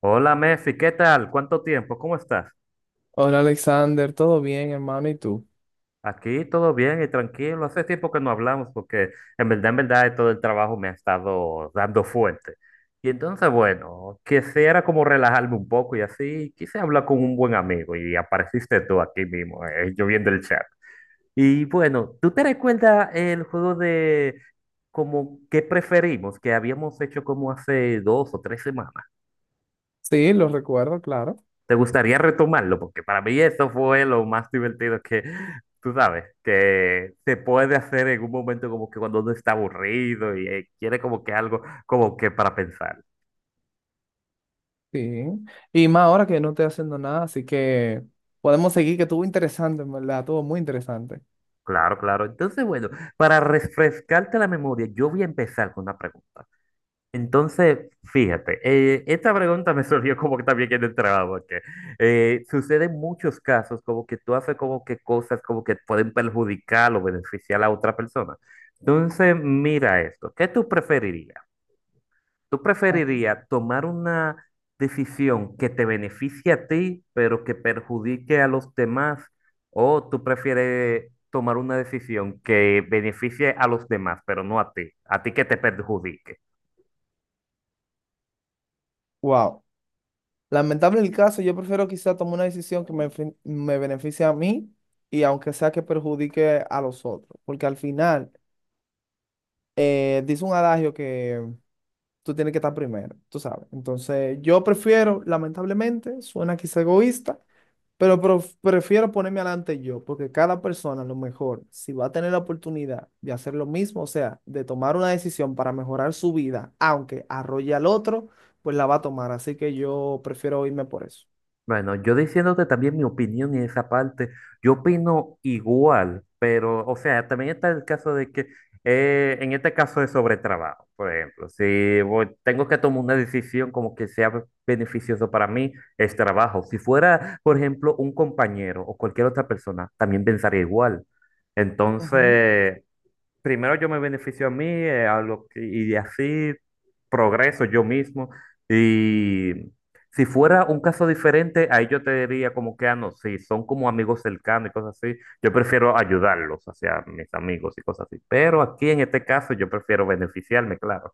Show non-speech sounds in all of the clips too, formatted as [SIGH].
Hola Mefi, ¿qué tal? ¿Cuánto tiempo? ¿Cómo estás? Hola Alexander, ¿todo bien, hermano? ¿Y tú? Aquí todo bien y tranquilo. Hace tiempo que no hablamos porque en verdad, todo el trabajo me ha estado dando fuerte. Y entonces, bueno, quisiera como relajarme un poco y así quise hablar con un buen amigo y apareciste tú aquí mismo, yo viendo el chat. Y bueno, ¿tú te recuerdas el juego de como qué preferimos que habíamos hecho como hace dos o tres semanas? Sí, lo recuerdo, claro. ¿Te gustaría retomarlo? Porque para mí eso fue lo más divertido que, tú sabes, que se puede hacer en un momento como que cuando uno está aburrido y quiere como que algo como que para pensar. Sí. Y más ahora que no estoy haciendo nada, así que podemos seguir, que estuvo interesante, en verdad, estuvo muy interesante. Claro, claro. Entonces, bueno, para refrescarte la memoria, yo voy a empezar con una pregunta. Entonces, fíjate, esta pregunta me [LAUGHS] surgió como que también en el trabajo, porque suceden muchos casos como que tú haces como que cosas como que pueden perjudicar o beneficiar a otra persona. Entonces, mira esto, ¿qué tú preferirías? ¿Tú Ajá. preferirías tomar una decisión que te beneficie a ti, pero que perjudique a los demás? ¿O tú prefieres tomar una decisión que beneficie a los demás, pero no a ti? ¿A ti que te perjudique? Wow. Lamentable el caso, yo prefiero quizá tomar una decisión que me, me beneficie a mí y aunque sea que perjudique a los otros, porque al final dice un adagio que tú tienes que estar primero, tú sabes. Entonces, yo prefiero, lamentablemente, suena quizá egoísta, pero prefiero ponerme adelante yo, porque cada persona a lo mejor, si va a tener la oportunidad de hacer lo mismo, o sea, de tomar una decisión para mejorar su vida, aunque arrolle al otro, pues la va a tomar. Así que yo prefiero irme por eso. Bueno, yo diciéndote también mi opinión en esa parte, yo opino igual, pero, o sea, también está el caso de que, en este caso de sobretrabajo, por ejemplo, si voy- tengo que tomar una decisión como que sea beneficioso para mí, es trabajo. Si fuera, por ejemplo, un compañero o cualquier otra persona, también pensaría igual. Ujú. Entonces, primero yo me beneficio a mí, y así progreso yo mismo. Y si fuera un caso diferente, ahí yo te diría como que, ah, no, sí, son como amigos cercanos y cosas así, yo prefiero ayudarlos, hacia mis amigos y cosas así. Pero aquí en este caso yo prefiero beneficiarme, claro.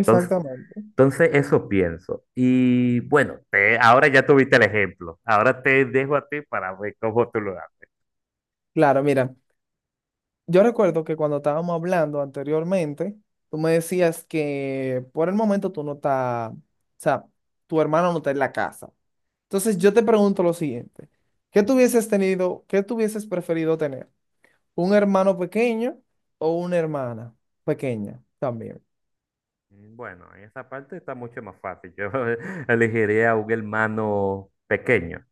Exactamente. Entonces eso pienso. Y bueno, ahora ya tuviste el ejemplo. Ahora te dejo a ti para ver cómo tú lo haces. Claro, mira. Yo recuerdo que cuando estábamos hablando anteriormente, tú me decías que por el momento tú no estás, o sea, tu hermano no está en la casa. Entonces yo te pregunto lo siguiente, ¿qué tú hubieses tenido, qué tú hubieses preferido tener? ¿Un hermano pequeño o una hermana pequeña también? Mm, bueno, en esa parte está mucho más fácil. Yo [LAUGHS] elegiría un hermano pequeño.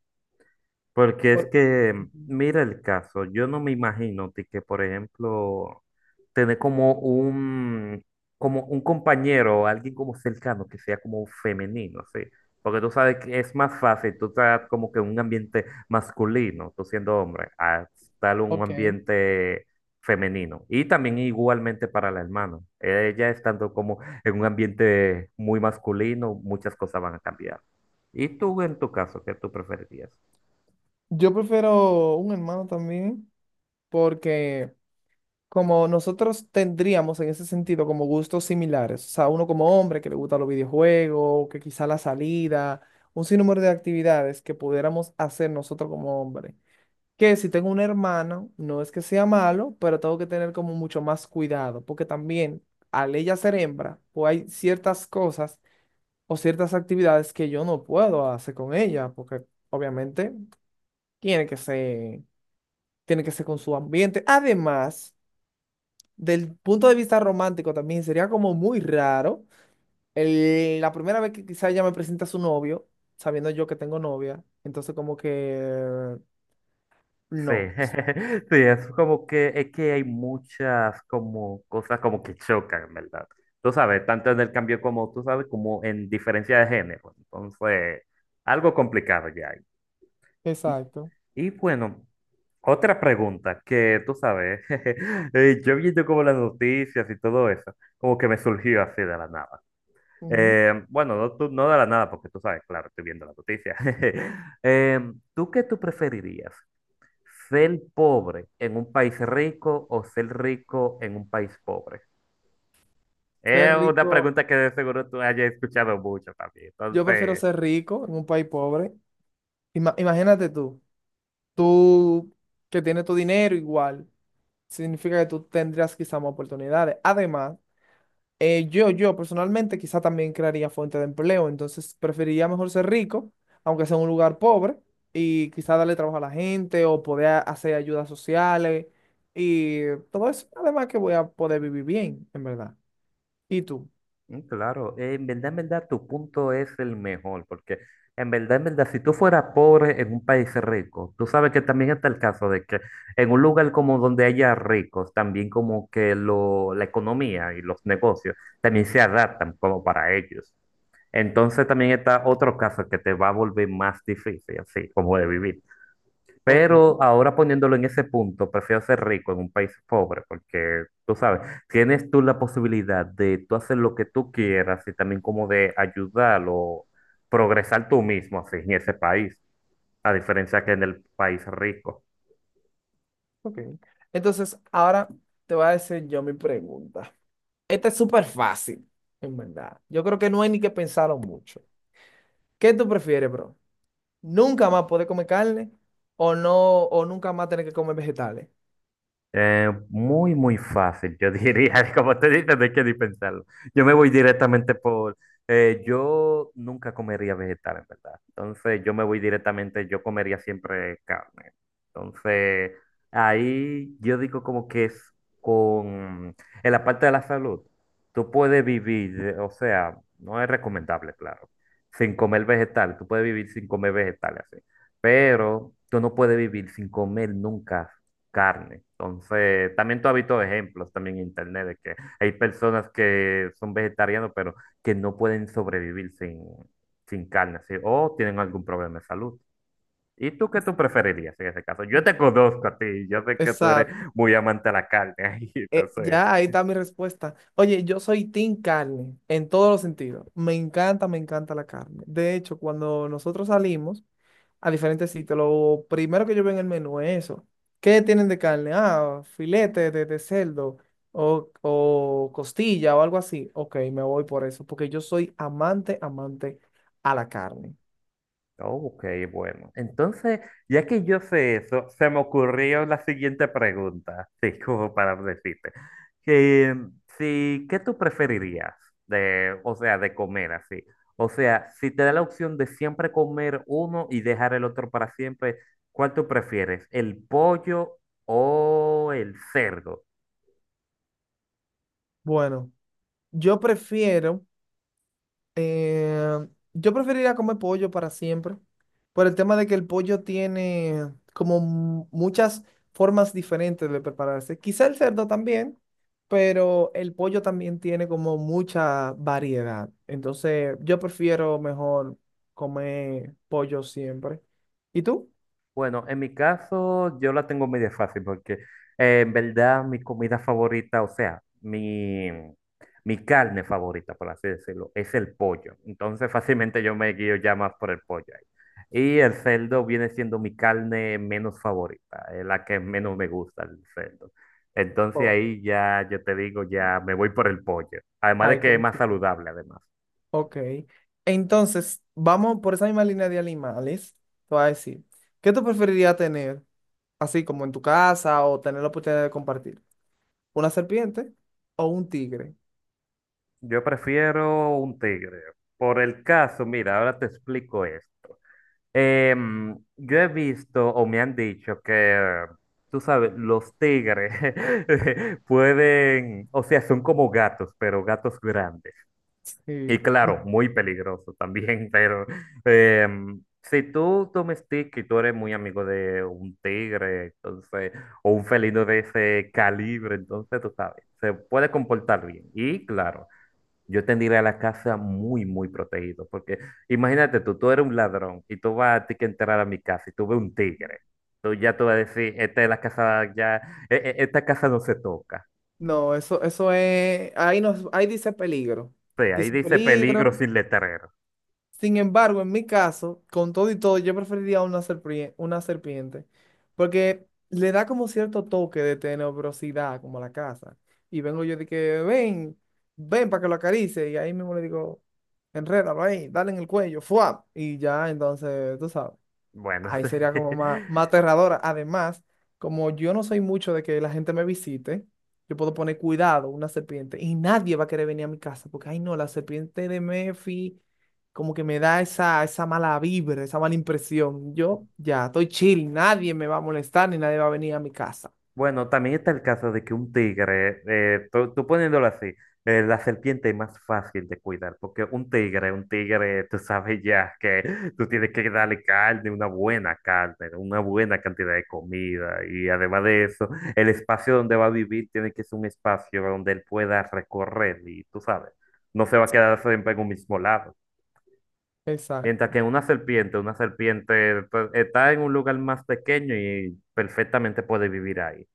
Porque es Por- que, Ujú. mira el caso, yo no me imagino ti, que, por ejemplo, tener como un compañero, alguien como cercano que sea como femenino, ¿sí? Porque tú sabes que es más fácil, tú estás como que en un ambiente masculino, tú siendo hombre, a estar en un Ok. ambiente femenino. Y también igualmente para la hermana, ella estando como en un ambiente muy masculino, muchas cosas van a cambiar. ¿Y tú en tu caso, qué tú preferirías? Yo prefiero un hermano también porque como nosotros tendríamos en ese sentido como gustos similares, o sea, uno como hombre que le gusta los videojuegos, que quizá la salida, un sinnúmero de actividades que pudiéramos hacer nosotros como hombre. Que si tengo un hermano, no es que sea malo, pero tengo que tener como mucho más cuidado, porque también al ella ser hembra, pues hay ciertas cosas o ciertas actividades que yo no puedo hacer con ella, porque obviamente tiene que ser, tiene que ser con su ambiente. Además, del punto de vista romántico también sería como muy raro. La primera vez que quizá ella me presenta a su novio, sabiendo yo que tengo novia, entonces como que Sí, no. [LAUGHS] sí, es como que es que hay muchas como cosas como que chocan, ¿verdad? Tú sabes, tanto en el cambio como tú sabes, como en diferencia de género. Entonces, algo complicado ya hay. Y, Exacto. y bueno, otra pregunta que tú sabes, [LAUGHS] yo viendo como las noticias y todo eso, como que me surgió así de la nada. Ujú. Bueno, no, no de la nada, porque tú sabes, claro, estoy viendo las noticias. [LAUGHS] ¿Tú qué tú preferirías? ¿Ser pobre en un país rico o ser rico en un país pobre? Ser Es una rico, pregunta que de seguro tú hayas escuchado mucho también. yo prefiero Entonces, ser rico en un país pobre. Imagínate tú, tú que tienes tu dinero igual, significa que tú tendrás quizá más oportunidades. Además, yo personalmente quizá también crearía fuente de empleo, entonces preferiría mejor ser rico, aunque sea en un lugar pobre, y quizá darle trabajo a la gente o poder hacer ayudas sociales y todo eso. Además que voy a poder vivir bien, en verdad. ¿Y tú? Claro, en verdad, tu punto es el mejor, porque en verdad, si tú fueras pobre en un país rico, tú sabes que también está el caso de que en un lugar como donde haya ricos, también como que lo, la economía y los negocios también se adaptan como para ellos. Entonces también está otro caso que te va a volver más difícil, así como de vivir. Ok, Pero ahora poniéndolo en ese punto, prefiero ser rico en un país pobre, porque tú sabes, tienes tú la posibilidad de tú hacer lo que tú quieras y también como de ayudar o progresar tú mismo así en ese país, a diferencia que en el país rico. ok. Entonces, ahora te voy a decir yo mi pregunta. Esta es súper fácil, en verdad. Yo creo que no hay ni que pensarlo mucho. ¿Qué tú prefieres, bro? ¿Nunca más poder comer carne o no, o nunca más tener que comer vegetales? Muy, muy fácil, yo diría, [LAUGHS] como te dices, no hay que ni pensarlo. Yo me voy directamente por, yo nunca comería vegetal, en verdad. Entonces, yo me voy directamente, yo comería siempre carne. Entonces, ahí yo digo como que es con, en la parte de la salud, tú puedes vivir, o sea, no es recomendable, claro, sin comer vegetal, tú puedes vivir sin comer vegetales, así. Pero tú no puedes vivir sin comer nunca carne. Entonces, también tú has visto ejemplos también en internet de que hay personas que son vegetarianos, pero que no pueden sobrevivir sin, sin carne, ¿sí? O tienen algún problema de salud. ¿Y tú qué tú preferirías en ese caso? Yo te conozco a ti, yo sé que tú eres Exacto. muy amante a la carne, [LAUGHS] entonces Ya ahí está mi respuesta. Oye, yo soy team carne en todos los sentidos. Me encanta la carne. De hecho, cuando nosotros salimos a diferentes sitios, lo primero que yo veo en el menú es eso. ¿Qué tienen de carne? Ah, filete de cerdo o costilla o algo así. Ok, me voy por eso, porque yo soy amante, amante a la carne. ok, bueno. Entonces, ya que yo sé eso, se me ocurrió la siguiente pregunta, [LAUGHS] sí, como para decirte. Que, si, ¿qué tú preferirías de, o sea, de comer así? O sea, si te da la opción de siempre comer uno y dejar el otro para siempre, ¿cuál tú prefieres? ¿El pollo o el cerdo? Bueno, yo prefiero Eh, yo preferiría comer pollo para siempre, por el tema de que el pollo tiene como muchas formas diferentes de prepararse. Quizá el cerdo también, pero el pollo también tiene como mucha variedad. Entonces, yo prefiero mejor comer pollo siempre. ¿Y tú? Bueno, en mi caso yo la tengo medio fácil porque en verdad mi comida favorita, o sea, mi carne favorita, por así decirlo, es el pollo. Entonces fácilmente yo me guío ya más por el pollo ahí. Y el cerdo viene siendo mi carne menos favorita, es la que menos me gusta el cerdo. Entonces Oh, ahí ya yo te digo, ya me voy por el pollo. Además de ahí que es más coincidimos. saludable, además. Ok. Entonces, vamos por esa misma línea de animales. Te voy a decir, ¿qué tú preferirías tener, así como en tu casa, o tener la oportunidad de compartir? Una serpiente o un tigre. Yo prefiero un tigre. Por el caso, mira, ahora te explico esto. Yo he visto o me han dicho que, tú sabes, los tigres [LAUGHS] pueden, o sea, son como gatos, pero gatos grandes. Y Sí. claro, muy peligroso también, [LAUGHS] pero si tú domesticas y tú eres muy amigo de un tigre, entonces, o un felino de ese calibre, entonces tú sabes, se puede comportar bien. Y claro. Yo tendría la casa muy, muy protegido, porque imagínate tú, tú eres un ladrón y tú vas a ti que entrar a mi casa y tú ves un tigre. Tú ya tú vas a decir, esta es la casa, ya, esta casa no se toca. No, eso es, ahí nos, ahí dice peligro. Sí, ahí Dice dice peligro. peligro sin letrero. Sin embargo, en mi caso, con todo y todo, yo preferiría una serpiente, porque le da como cierto toque de tenebrosidad, como a la casa. Y vengo yo de que, ven, ven para que lo acaricie. Y ahí mismo le digo, enrédalo ahí, dale en el cuello, ¡fua! Y ya, entonces, tú sabes. Bueno, Ahí [LAUGHS] sería sí. como más, más aterradora. Además, como yo no soy mucho de que la gente me visite, yo puedo poner cuidado, una serpiente, y nadie va a querer venir a mi casa, porque, ay no, la serpiente de Mefi como que me da esa, esa mala vibra, esa mala impresión. Yo ya estoy chill, nadie me va a molestar ni nadie va a venir a mi casa. Bueno, también está el caso de que un tigre, tú, tú poniéndolo así, la serpiente es más fácil de cuidar, porque un tigre, tú sabes ya que tú tienes que darle carne, una buena cantidad de comida, y además de eso, el espacio donde va a vivir tiene que ser un espacio donde él pueda recorrer, y tú sabes, no se va a quedar siempre en un mismo lado. Mientras Exacto, que una serpiente pues, está en un lugar más pequeño y perfectamente puede vivir ahí.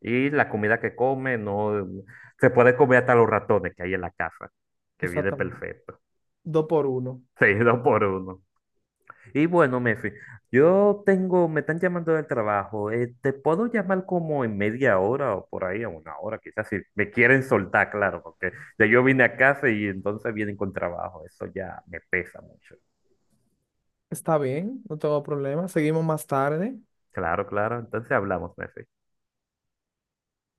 Y la comida que come, no mm, se puede comer hasta los ratones que hay en la casa, que viene exactamente. perfecto, Dos por uno. [LAUGHS] seguido por uno. Y bueno, Mefi, yo tengo, me están llamando del trabajo, te puedo llamar como en media hora o por ahí, a una hora, quizás si me quieren soltar, claro, porque ya yo vine a casa y entonces vienen con trabajo, eso ya me pesa mucho. Está bien, no tengo problema. Seguimos más tarde. Claro, claro, entonces hablamos, Mefi.